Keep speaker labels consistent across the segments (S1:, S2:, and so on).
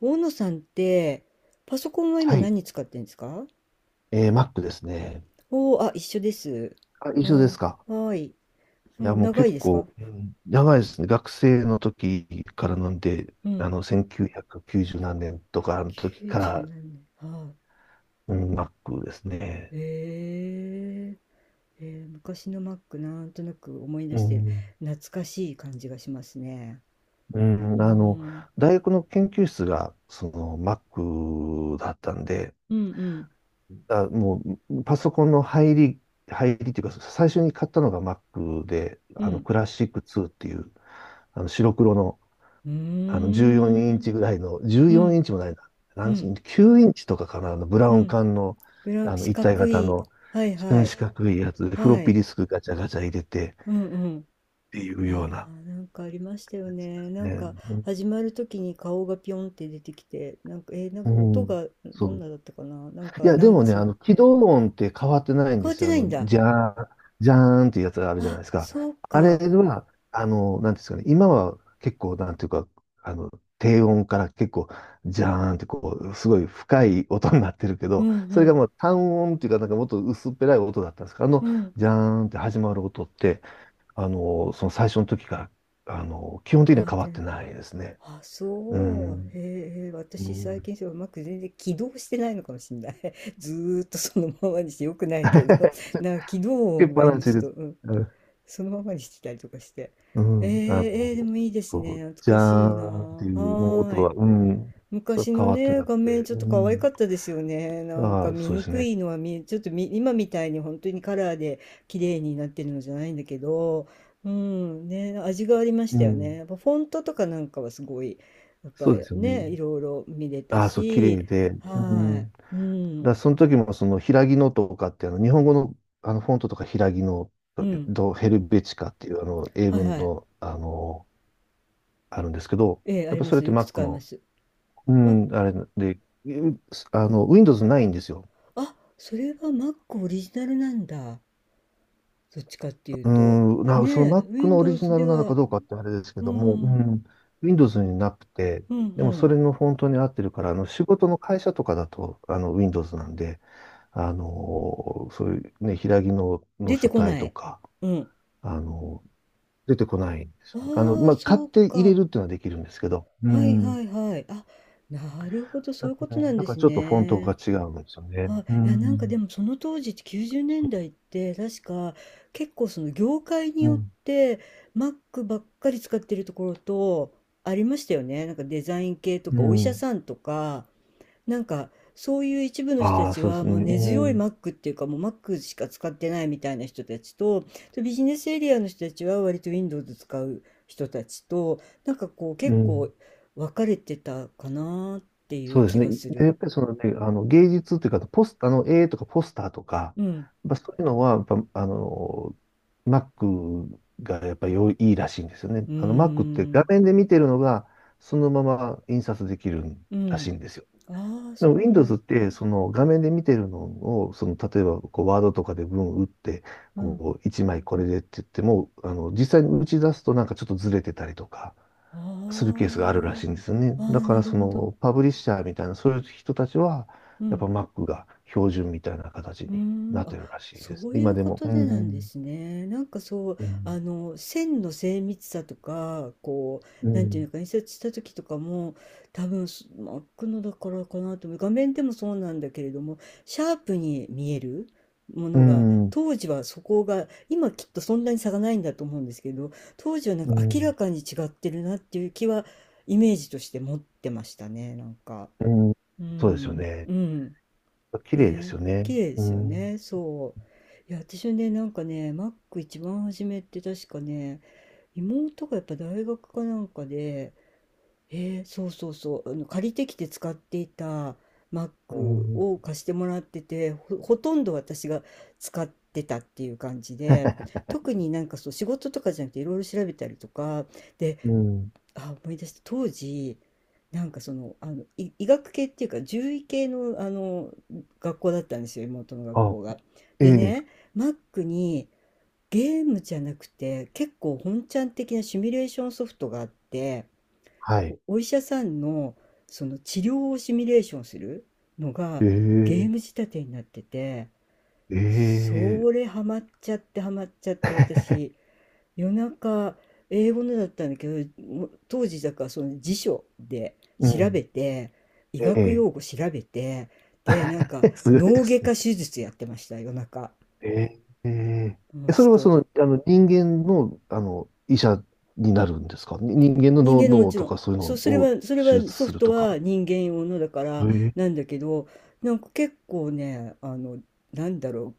S1: 大野さんって、パソコンは今
S2: はい。
S1: 何使ってるんですか？
S2: Mac ですね。
S1: おおー、あ、一緒です。
S2: あ、
S1: あー、
S2: 一緒で
S1: は
S2: すか。
S1: ーい。う
S2: いや、
S1: ん、
S2: もう
S1: 長い
S2: 結
S1: ですか？
S2: 構、うん、長いですね。学生の時からなんで、
S1: うん。
S2: 1990何年とかの
S1: 九
S2: 時か
S1: 十
S2: ら、
S1: 何年。は
S2: うん、Mac ですね。
S1: ーい。昔の Mac なんとなく思い出
S2: う
S1: して
S2: ん。
S1: 懐かしい感じがしますね。
S2: う
S1: う
S2: ん、
S1: ーん。
S2: 大学の研究室が、Mac だったんで、
S1: うんうん。
S2: あ、もう、パソコンの入りっていうか、最初に買ったのが Mac で、
S1: うん。
S2: クラシック2っていう、白黒の、
S1: うー
S2: 14イン
S1: ん。
S2: チぐらいの、
S1: う
S2: 14
S1: ん
S2: インチもないな。
S1: う
S2: 何イ
S1: ん
S2: ンチ？ 9 インチとかかな、ブラ
S1: う
S2: ウン
S1: ん。
S2: 管の、
S1: 四
S2: 一体
S1: 角
S2: 型
S1: い。
S2: の、
S1: はいはい。
S2: 四角いやつで、フロッ
S1: は
S2: ピー
S1: い。
S2: ディスクガチャガチャ入れてっ
S1: うんうん。
S2: ていう
S1: あ
S2: よう
S1: あ、
S2: な
S1: なんかありましたよ
S2: やつで
S1: ね。
S2: す
S1: な
S2: ね。
S1: んか
S2: う
S1: 始まる時に顔がピョンって出てきて、なんか、なんか
S2: ん。
S1: 音
S2: うん
S1: が
S2: そ
S1: どん
S2: う
S1: なだったかな。なん
S2: い
S1: か、
S2: や、
S1: な
S2: で
S1: ん
S2: も
S1: か
S2: ね、
S1: その、
S2: 起動音って変わってないん
S1: 変
S2: で
S1: わっ
S2: す
S1: て
S2: よ。
S1: ないんだ。
S2: じゃーん、じゃーんっていうやつがあるじゃない
S1: あ、
S2: ですか。
S1: そう
S2: あれ
S1: か。
S2: は、なんていうんですかね、今は結構、なんていうか、あの、低音から結構、じゃーんってこう、すごい深い音になってるけ
S1: うん
S2: ど、
S1: う
S2: それが
S1: ん。
S2: もう単音っていうか、なんかもっと薄っぺらい音だったんですけど、
S1: うん。
S2: じゃーんって始まる音って、その最初の時から、基本的
S1: 変
S2: には
S1: わっ
S2: 変わ
S1: て
S2: って
S1: ない。
S2: ないですね。
S1: あ、
S2: う
S1: そう。
S2: ん。
S1: へえ、
S2: う
S1: 私
S2: ん。
S1: 最
S2: つ
S1: 近それうまく全然起動してないのかもしれない。ずーっとそのままにしてよくないけど、なんか起動
S2: けっ
S1: 音が
S2: ぱな
S1: 今
S2: し
S1: ち
S2: で
S1: ょっと、
S2: す。
S1: うん、そのままにしてたりとかして。
S2: う
S1: え
S2: ん、
S1: ー、でもいいです
S2: そ
S1: ね。
S2: う、
S1: 懐
S2: じゃ
S1: かし
S2: ー
S1: いな。
S2: んって
S1: は
S2: いう音
S1: ーい。
S2: は、うん、そう
S1: 昔
S2: 変
S1: の
S2: わって
S1: ね、
S2: な
S1: 画
S2: くて、
S1: 面ちょっ
S2: う
S1: と可愛か
S2: ん、
S1: ったですよね。なんか
S2: ああ、
S1: 見
S2: そうで
S1: に
S2: す
S1: く
S2: ね。
S1: いのは見え、ちょっと今みたいに本当にカラーで綺麗になってるのじゃないんだけど、うん、ね、味がありまし
S2: う
S1: たよね。
S2: ん、
S1: やっぱフォントとかなんかはすごい、やっぱ
S2: そうで
S1: り
S2: すよね。
S1: ね、いろいろ見れた
S2: ああ、そう、綺
S1: し、
S2: 麗で、う
S1: は
S2: ん、だか
S1: い、うん、
S2: らその時もその、平木のとかって、日本語の、フォントとか平木の、
S1: うん、
S2: ドヘルベチカっていう、英
S1: はい
S2: 文
S1: はい、
S2: の、あるんですけど、
S1: ええ、あ
S2: やっ
S1: り
S2: ぱ
S1: ま
S2: それっ
S1: す。
S2: て
S1: よく
S2: Mac
S1: 使いま
S2: の、
S1: す。
S2: う
S1: あ、
S2: ん、あれで、うん、Windows ないんですよ。
S1: あ、それは Mac オリジナルなんだ。どっちかっていう
S2: う
S1: と。
S2: ーん、
S1: ね
S2: その
S1: え、
S2: Mac のオリジ
S1: Windows
S2: ナ
S1: で
S2: ルなのか
S1: は、
S2: どうかってあれですけ
S1: うん、
S2: ども、
S1: う
S2: う
S1: ん
S2: ん、Windows になくて、
S1: う
S2: でもそ
S1: ん。
S2: れのフォントに合ってるから、仕事の会社とかだとWindows なんで、あのそういうね、平きの、の
S1: 出て
S2: 書
S1: こ
S2: 体
S1: な
S2: と
S1: い。
S2: か、
S1: うん。
S2: あのー出てこないんですよね。
S1: ああ、
S2: まあ、買っ
S1: そう
S2: て入れ
S1: か。
S2: るっていうのはできるんですけど、う
S1: はい
S2: ん、
S1: はいはい。あ、なるほど、そ
S2: だ
S1: ういうことなん
S2: だ
S1: で
S2: か
S1: す
S2: らちょっとフォント
S1: ね。
S2: が違うんですよね。
S1: あ、
S2: う
S1: いや、なんか
S2: ん、
S1: でもその当時って90年
S2: そう、
S1: 代って確か結構その業界に
S2: う
S1: よっ
S2: ん、
S1: て Mac ばっかり使ってるところとありましたよね。なんかデザイン系と
S2: う
S1: かお医者
S2: ん。
S1: さんとかなんかそういう一部の人た
S2: ああ、
S1: ち
S2: そうで
S1: は
S2: すね。
S1: もう根
S2: う
S1: 強い
S2: ん、
S1: マックっていうかもうマックしか使ってないみたいな人たちとビジネスエリアの人たちは割と Windows 使う人たちとなんかこう
S2: う
S1: 結構
S2: ん。
S1: 分かれてたかなっていう
S2: そうです
S1: 気
S2: ね。
S1: がす
S2: で、や
S1: る。
S2: っぱりそのね、芸術っていうか、絵とかポスターとか、
S1: うん。
S2: やっぱそういうのは、やっぱ、Mac がやっぱり良いいいらしいんですよね。
S1: うー
S2: Mac って画
S1: ん。
S2: 面で見てるのが、そのまま印刷できる
S1: う
S2: らし
S1: ん。
S2: いんですよ。
S1: ああ、
S2: でも
S1: そうな
S2: Windows っ
S1: ん。
S2: て、その画面で見てるのを、その例えばこうワードとかで文打って、
S1: うん。
S2: こう、一枚これでって言っても、実際に打ち出すとなんかちょっとずれてたりとか
S1: あ
S2: するケースがあるらしいんですよね。
S1: あ。あ
S2: だ
S1: あ、
S2: か
S1: な
S2: ら
S1: る
S2: そ
S1: ほど。
S2: のパブリッシャーみたいな、そういう人たちは、
S1: う
S2: やっ
S1: ん。
S2: ぱ Mac が標準みたいな形
S1: うー
S2: にな
S1: ん、
S2: っ
S1: あ、
S2: てるらしいです。
S1: そうい
S2: 今
S1: う
S2: で
S1: こ
S2: も。
S1: と
S2: う
S1: でなんで
S2: ん。
S1: すね。なんかそう、
S2: う
S1: あ
S2: ん。
S1: の、線の精密さとか、こ
S2: う
S1: う、なんていう
S2: ん。
S1: のか、印刷した時とかも、多分、真っ黒だからかなと思う。画面でもそうなんだけれども、シャープに見えるも
S2: う
S1: のが、
S2: ん。
S1: 当時はそこが、今きっとそんなに差がないんだと思うんですけど、当時はなん
S2: う
S1: か明ら
S2: ん。
S1: かに違ってるなっていう気は、イメージとして持ってましたね、なんか。
S2: うん
S1: う
S2: そうですよ
S1: ん、
S2: ね。
S1: うん。
S2: 綺麗です
S1: ね、
S2: よね。
S1: 綺麗で
S2: う
S1: すよ
S2: ん。
S1: ね、そう。いや、私はね、なんかね、マック一番初めって確かね、妹がやっぱ大学かなんかで、そうそうそう、あの借りてきて使っていたマッ
S2: う
S1: ク
S2: ん。
S1: を貸してもらってて、ほとんど私が使ってたっていう感じで、特になんかそう仕事とかじゃなくていろいろ調べたりとか、で、
S2: うん。
S1: あ、思い出した。当時、なんかその、あの、医学系っていうか、獣医系の、あの、学校だったんですよ、妹の 学
S2: あ、
S1: 校が。
S2: え
S1: で
S2: え、
S1: ね、マックにゲームじゃなくて、結構本ちゃん的なシミュレーションソフトがあって、
S2: はい。
S1: お医者さんの、その治療をシミュレーションするのが
S2: え
S1: ゲー
S2: え、
S1: ム仕立てになってて、
S2: ええ、
S1: それハマっちゃってハマっちゃって私、夜中英語のだったんだけどもう当時だからその辞書で
S2: う
S1: 調べ
S2: ん。
S1: て医
S2: え
S1: 学
S2: え、
S1: 用語調べてでなんか
S2: すごいで
S1: 脳外
S2: す
S1: 科
S2: ね。
S1: 手術やってました夜中、
S2: ええ、え
S1: う
S2: え、
S1: ん、
S2: そ
S1: ち
S2: れは
S1: ょ
S2: そ
S1: っ
S2: の、人間の、医者になるんですかに人間の
S1: 人間のも
S2: 脳
S1: ち
S2: と
S1: ろん。
S2: かそういうのを
S1: それ
S2: 手
S1: は
S2: 術
S1: ソ
S2: す
S1: フ
S2: る
S1: ト
S2: と
S1: は
S2: か。
S1: 人間用のだか
S2: え
S1: らな
S2: え。
S1: んだけど、なんか結構ね、あの、なんだろ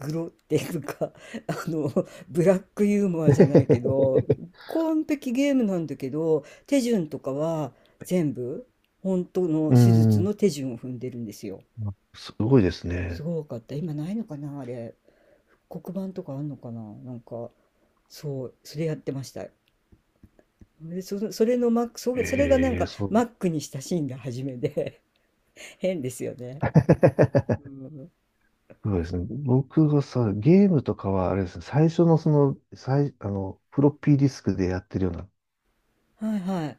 S1: う、グロっていうか、あの、ブラックユーモアじゃないけど、完璧ゲームなんだけど、手順とかは全部、本当の
S2: う
S1: 手術
S2: ん。
S1: の手順を踏んでるんですよ。
S2: すごいです
S1: す
S2: ね。
S1: ごかった。今ないのかな、あれ。黒板とかあんのかな、なんか、そう、それやってました。で、それがなん
S2: ええ、
S1: か
S2: そう。
S1: マックに親しんだ初めで 変ですよね。う ん。
S2: そうですね。僕がさ、ゲームとかは、あれですね、最初のその、フロッピーディスクでやってるような
S1: はいはい。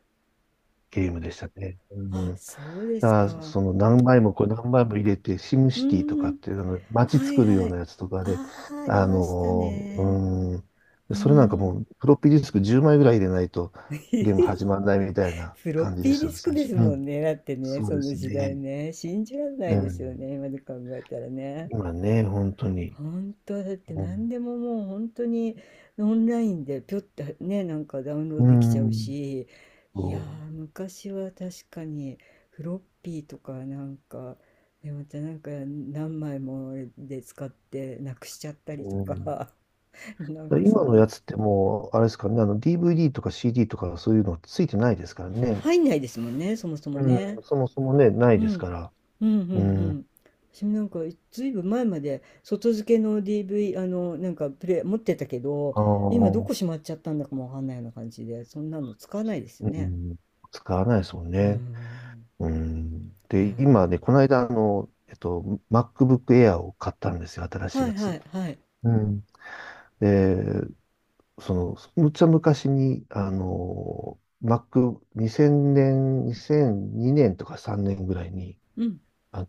S2: ゲームでしたね。う
S1: あ、
S2: ん。だか
S1: そうです
S2: ら、
S1: か。
S2: その何枚もこれ何枚も入れて、シム
S1: う
S2: シティとかっ
S1: ん。
S2: ていう街
S1: はい
S2: 作るよ
S1: は
S2: う
S1: い。
S2: なやつとかで、
S1: ああ、あり
S2: あ
S1: ました
S2: の
S1: ね。
S2: ーうん。
S1: う
S2: それなんか
S1: ん。
S2: もう、フロッピーディスク10枚ぐらい入れないとゲーム始 まらないみたいな
S1: フロッ
S2: 感じで
S1: ピー
S2: し
S1: デ
S2: た
S1: ィ
S2: ね、
S1: スク
S2: 最
S1: で
S2: 初。
S1: す
S2: う
S1: も
S2: ん。
S1: んね。だってね、
S2: そう
S1: そ
S2: で
S1: の
S2: す
S1: 時代
S2: ね。
S1: ね。信じられな
S2: う
S1: いですよ
S2: ん。
S1: ね。今で考えたらね。
S2: 今ね、本当に。
S1: 本当だって
S2: う
S1: 何
S2: ん。
S1: でももう本当にオンラインでぴょってねなんかダウンロー
S2: う
S1: ドできちゃう
S2: ん
S1: しいや
S2: そ
S1: ー昔は確かにフロッピーとかなんかでまたなんか何枚もで使ってなくしちゃったりと
S2: う。うん。
S1: か なんかそ
S2: 今
S1: ん
S2: の
S1: な
S2: やつってもう、あれですからね、DVD とか CD とかそういうのついてないですからね。
S1: 入んないですもんねそもそも
S2: う
S1: ね
S2: ん、そもそもね、ない
S1: う
S2: です
S1: ん。
S2: から。
S1: うんうんう
S2: うん、あ
S1: ん。私もなんかいずいぶん前まで外付けの DV、あの、なんかプレイ持ってたけど、今ど
S2: あ、
S1: こしまっちゃったんだかもわかんないような感じで、そんなの使わないですよ
S2: う
S1: ね。
S2: ん、使わないですもん
S1: う
S2: ね。
S1: ん。
S2: うん、
S1: いや
S2: で、今ね、こ
S1: ー。
S2: の間、MacBook Air を買ったんですよ、新しい
S1: は
S2: や
S1: い
S2: つ。
S1: はいはい。
S2: うん。で、その、むっちゃ昔に、Mac、2000年、2002年とか3年ぐらいに、
S1: うん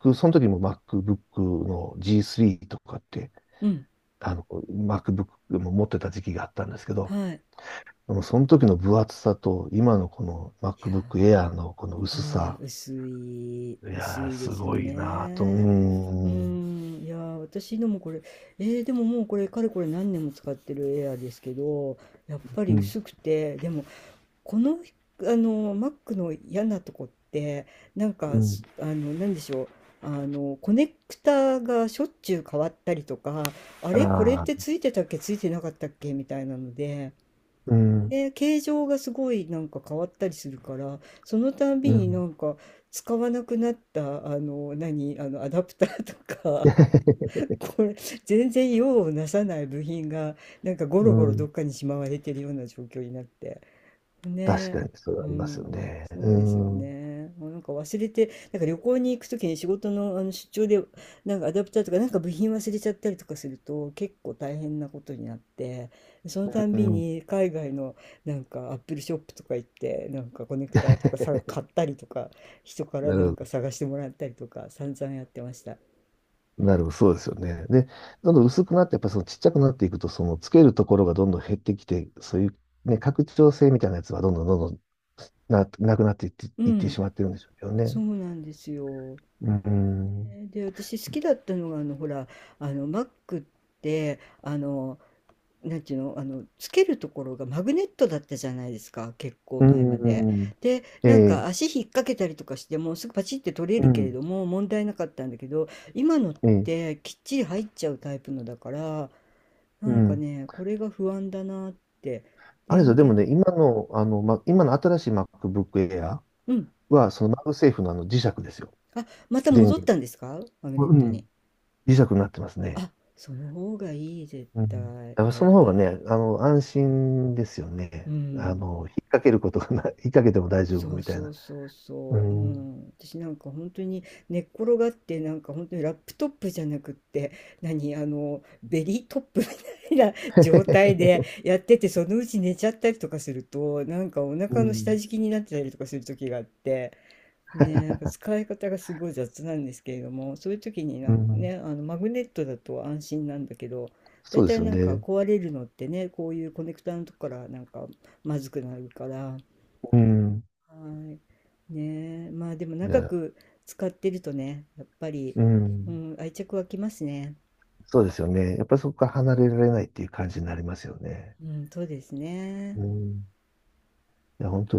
S2: Mac、その時も MacBook の G3 とかって、
S1: うん
S2: MacBook も持ってた時期があったんですけど、
S1: はい。
S2: でもその時の分厚さと、今のこの
S1: いや
S2: MacBook Air のこの薄
S1: ー。は
S2: さ、
S1: い。薄い、
S2: い
S1: 薄
S2: やー、
S1: いで
S2: す
S1: すよ
S2: ごいなぁと、う
S1: ね。うー
S2: ーん、
S1: ん、いやー私のもこれ、でももうこれかれこれ何年も使ってるエアーですけどやっぱ
S2: う
S1: り
S2: ん、
S1: 薄くてでもこの、あの、マックの嫌なとこって、なん
S2: う
S1: か、
S2: ん、
S1: あの、なんでしょう。あの、コネクタがしょっちゅう変わったりとか、あれこれっ
S2: ああ、
S1: てついてたっけついてなかったっけみたいなので、
S2: うん、
S1: で、形状がすごいなんか変わったりするから、そのたん
S2: う
S1: びにな
S2: ん、
S1: んか使わなくなった、あの、何、あの、アダプターとか これ、全然用をなさない部品が、なんかゴ
S2: う
S1: ロゴロど
S2: ん、
S1: っかにしまわれてるような状況になって。
S2: 確
S1: ね
S2: かにそれ
S1: う
S2: はありますよ
S1: ん、
S2: ね。
S1: そうですよ
S2: うん、
S1: ね。あなんか忘れて、なんか旅行に行くときに仕事の、あの出張で、なんかアダプターとか、なんか部品忘れちゃったりとかすると、結構大変なことになって、そのたん
S2: う
S1: び
S2: ん、
S1: に海外のなんかアップルショップとか行って、なんかコネクターとかさ、買ったりとか、人から
S2: な
S1: なん
S2: る
S1: か
S2: ほ
S1: 探してもらったりとか、散々やってました。
S2: ど、なるほど、そうですよね。で、どんどん薄くなって、やっぱりそのちっちゃくなっていくと、そのつけるところがどんどん減ってきて、そういうね、拡張性みたいなやつはどんどんどんどんなくなっていって、
S1: う
S2: いって
S1: ん、
S2: しまってるんでしょうけど
S1: そ
S2: ね。
S1: うなんですよ。
S2: うん。
S1: で、私好きだったのが、あの、ほら、あの、Mac って、あの、なんていうの、あの、つけるところがマグネットだったじゃないですか、結構
S2: う
S1: 前まで。
S2: ん。
S1: で、
S2: え
S1: なんか
S2: え、
S1: 足引っ掛けたりとかしてもすぐパチって取れ
S2: う
S1: るけれ
S2: ん。
S1: ども問題なかったんだけど、今のっ
S2: ええ、
S1: てきっちり入っちゃうタイプのだから、な
S2: う
S1: んか
S2: ん。
S1: ね、これが不安だなって。
S2: あれですよ、
S1: 電
S2: でも
S1: 源、
S2: ね、今の、ま、今の新しい MacBook Air
S1: うん。
S2: は、そのマグセーフのあの磁石ですよ。
S1: あ、また
S2: 電
S1: 戻っ
S2: 源。
S1: たんですかマグネッ
S2: う
S1: トに？
S2: ん。磁石になってますね。
S1: あ、その方がいい、絶
S2: うん。
S1: 対。
S2: だから
S1: あ
S2: そ
S1: やっ
S2: の方
S1: ぱ
S2: が
S1: り、
S2: ね、安心ですよ
S1: う
S2: ね。
S1: ん。
S2: 引っ掛けることがない、引っ掛けても大丈夫
S1: そう
S2: みたい
S1: そ
S2: な。
S1: うそう
S2: う
S1: そう、う
S2: ん。
S1: ん、私なんか本当に寝っ転がってなんか本当にラップトップじゃなくって何あのベリートップみたいな 状態 でやっててそのうち寝ちゃったりとかするとなんかお
S2: う
S1: 腹の下
S2: ん。
S1: 敷きになってたりとかする時があってねなんか使い方がすごい雑なんですけれどもそういう時にな
S2: う
S1: ん
S2: ん。
S1: ねあのマグネットだと安心なんだけどだ
S2: そ
S1: い
S2: うで
S1: た
S2: す
S1: い
S2: よ
S1: なんか
S2: ね。
S1: 壊れるのってねこういうコネクターのとこからなんかまずくなるから。
S2: うん。
S1: はい。ねえ、まあでも
S2: じゃ
S1: 長
S2: あ、
S1: く使ってるとね、やっぱり、
S2: う
S1: う
S2: ん。
S1: ん、愛着湧きますね。
S2: そうですよね。やっぱりそこから離れられないっていう感じになりますよね。
S1: うん、そうですね。
S2: うん。いや、本当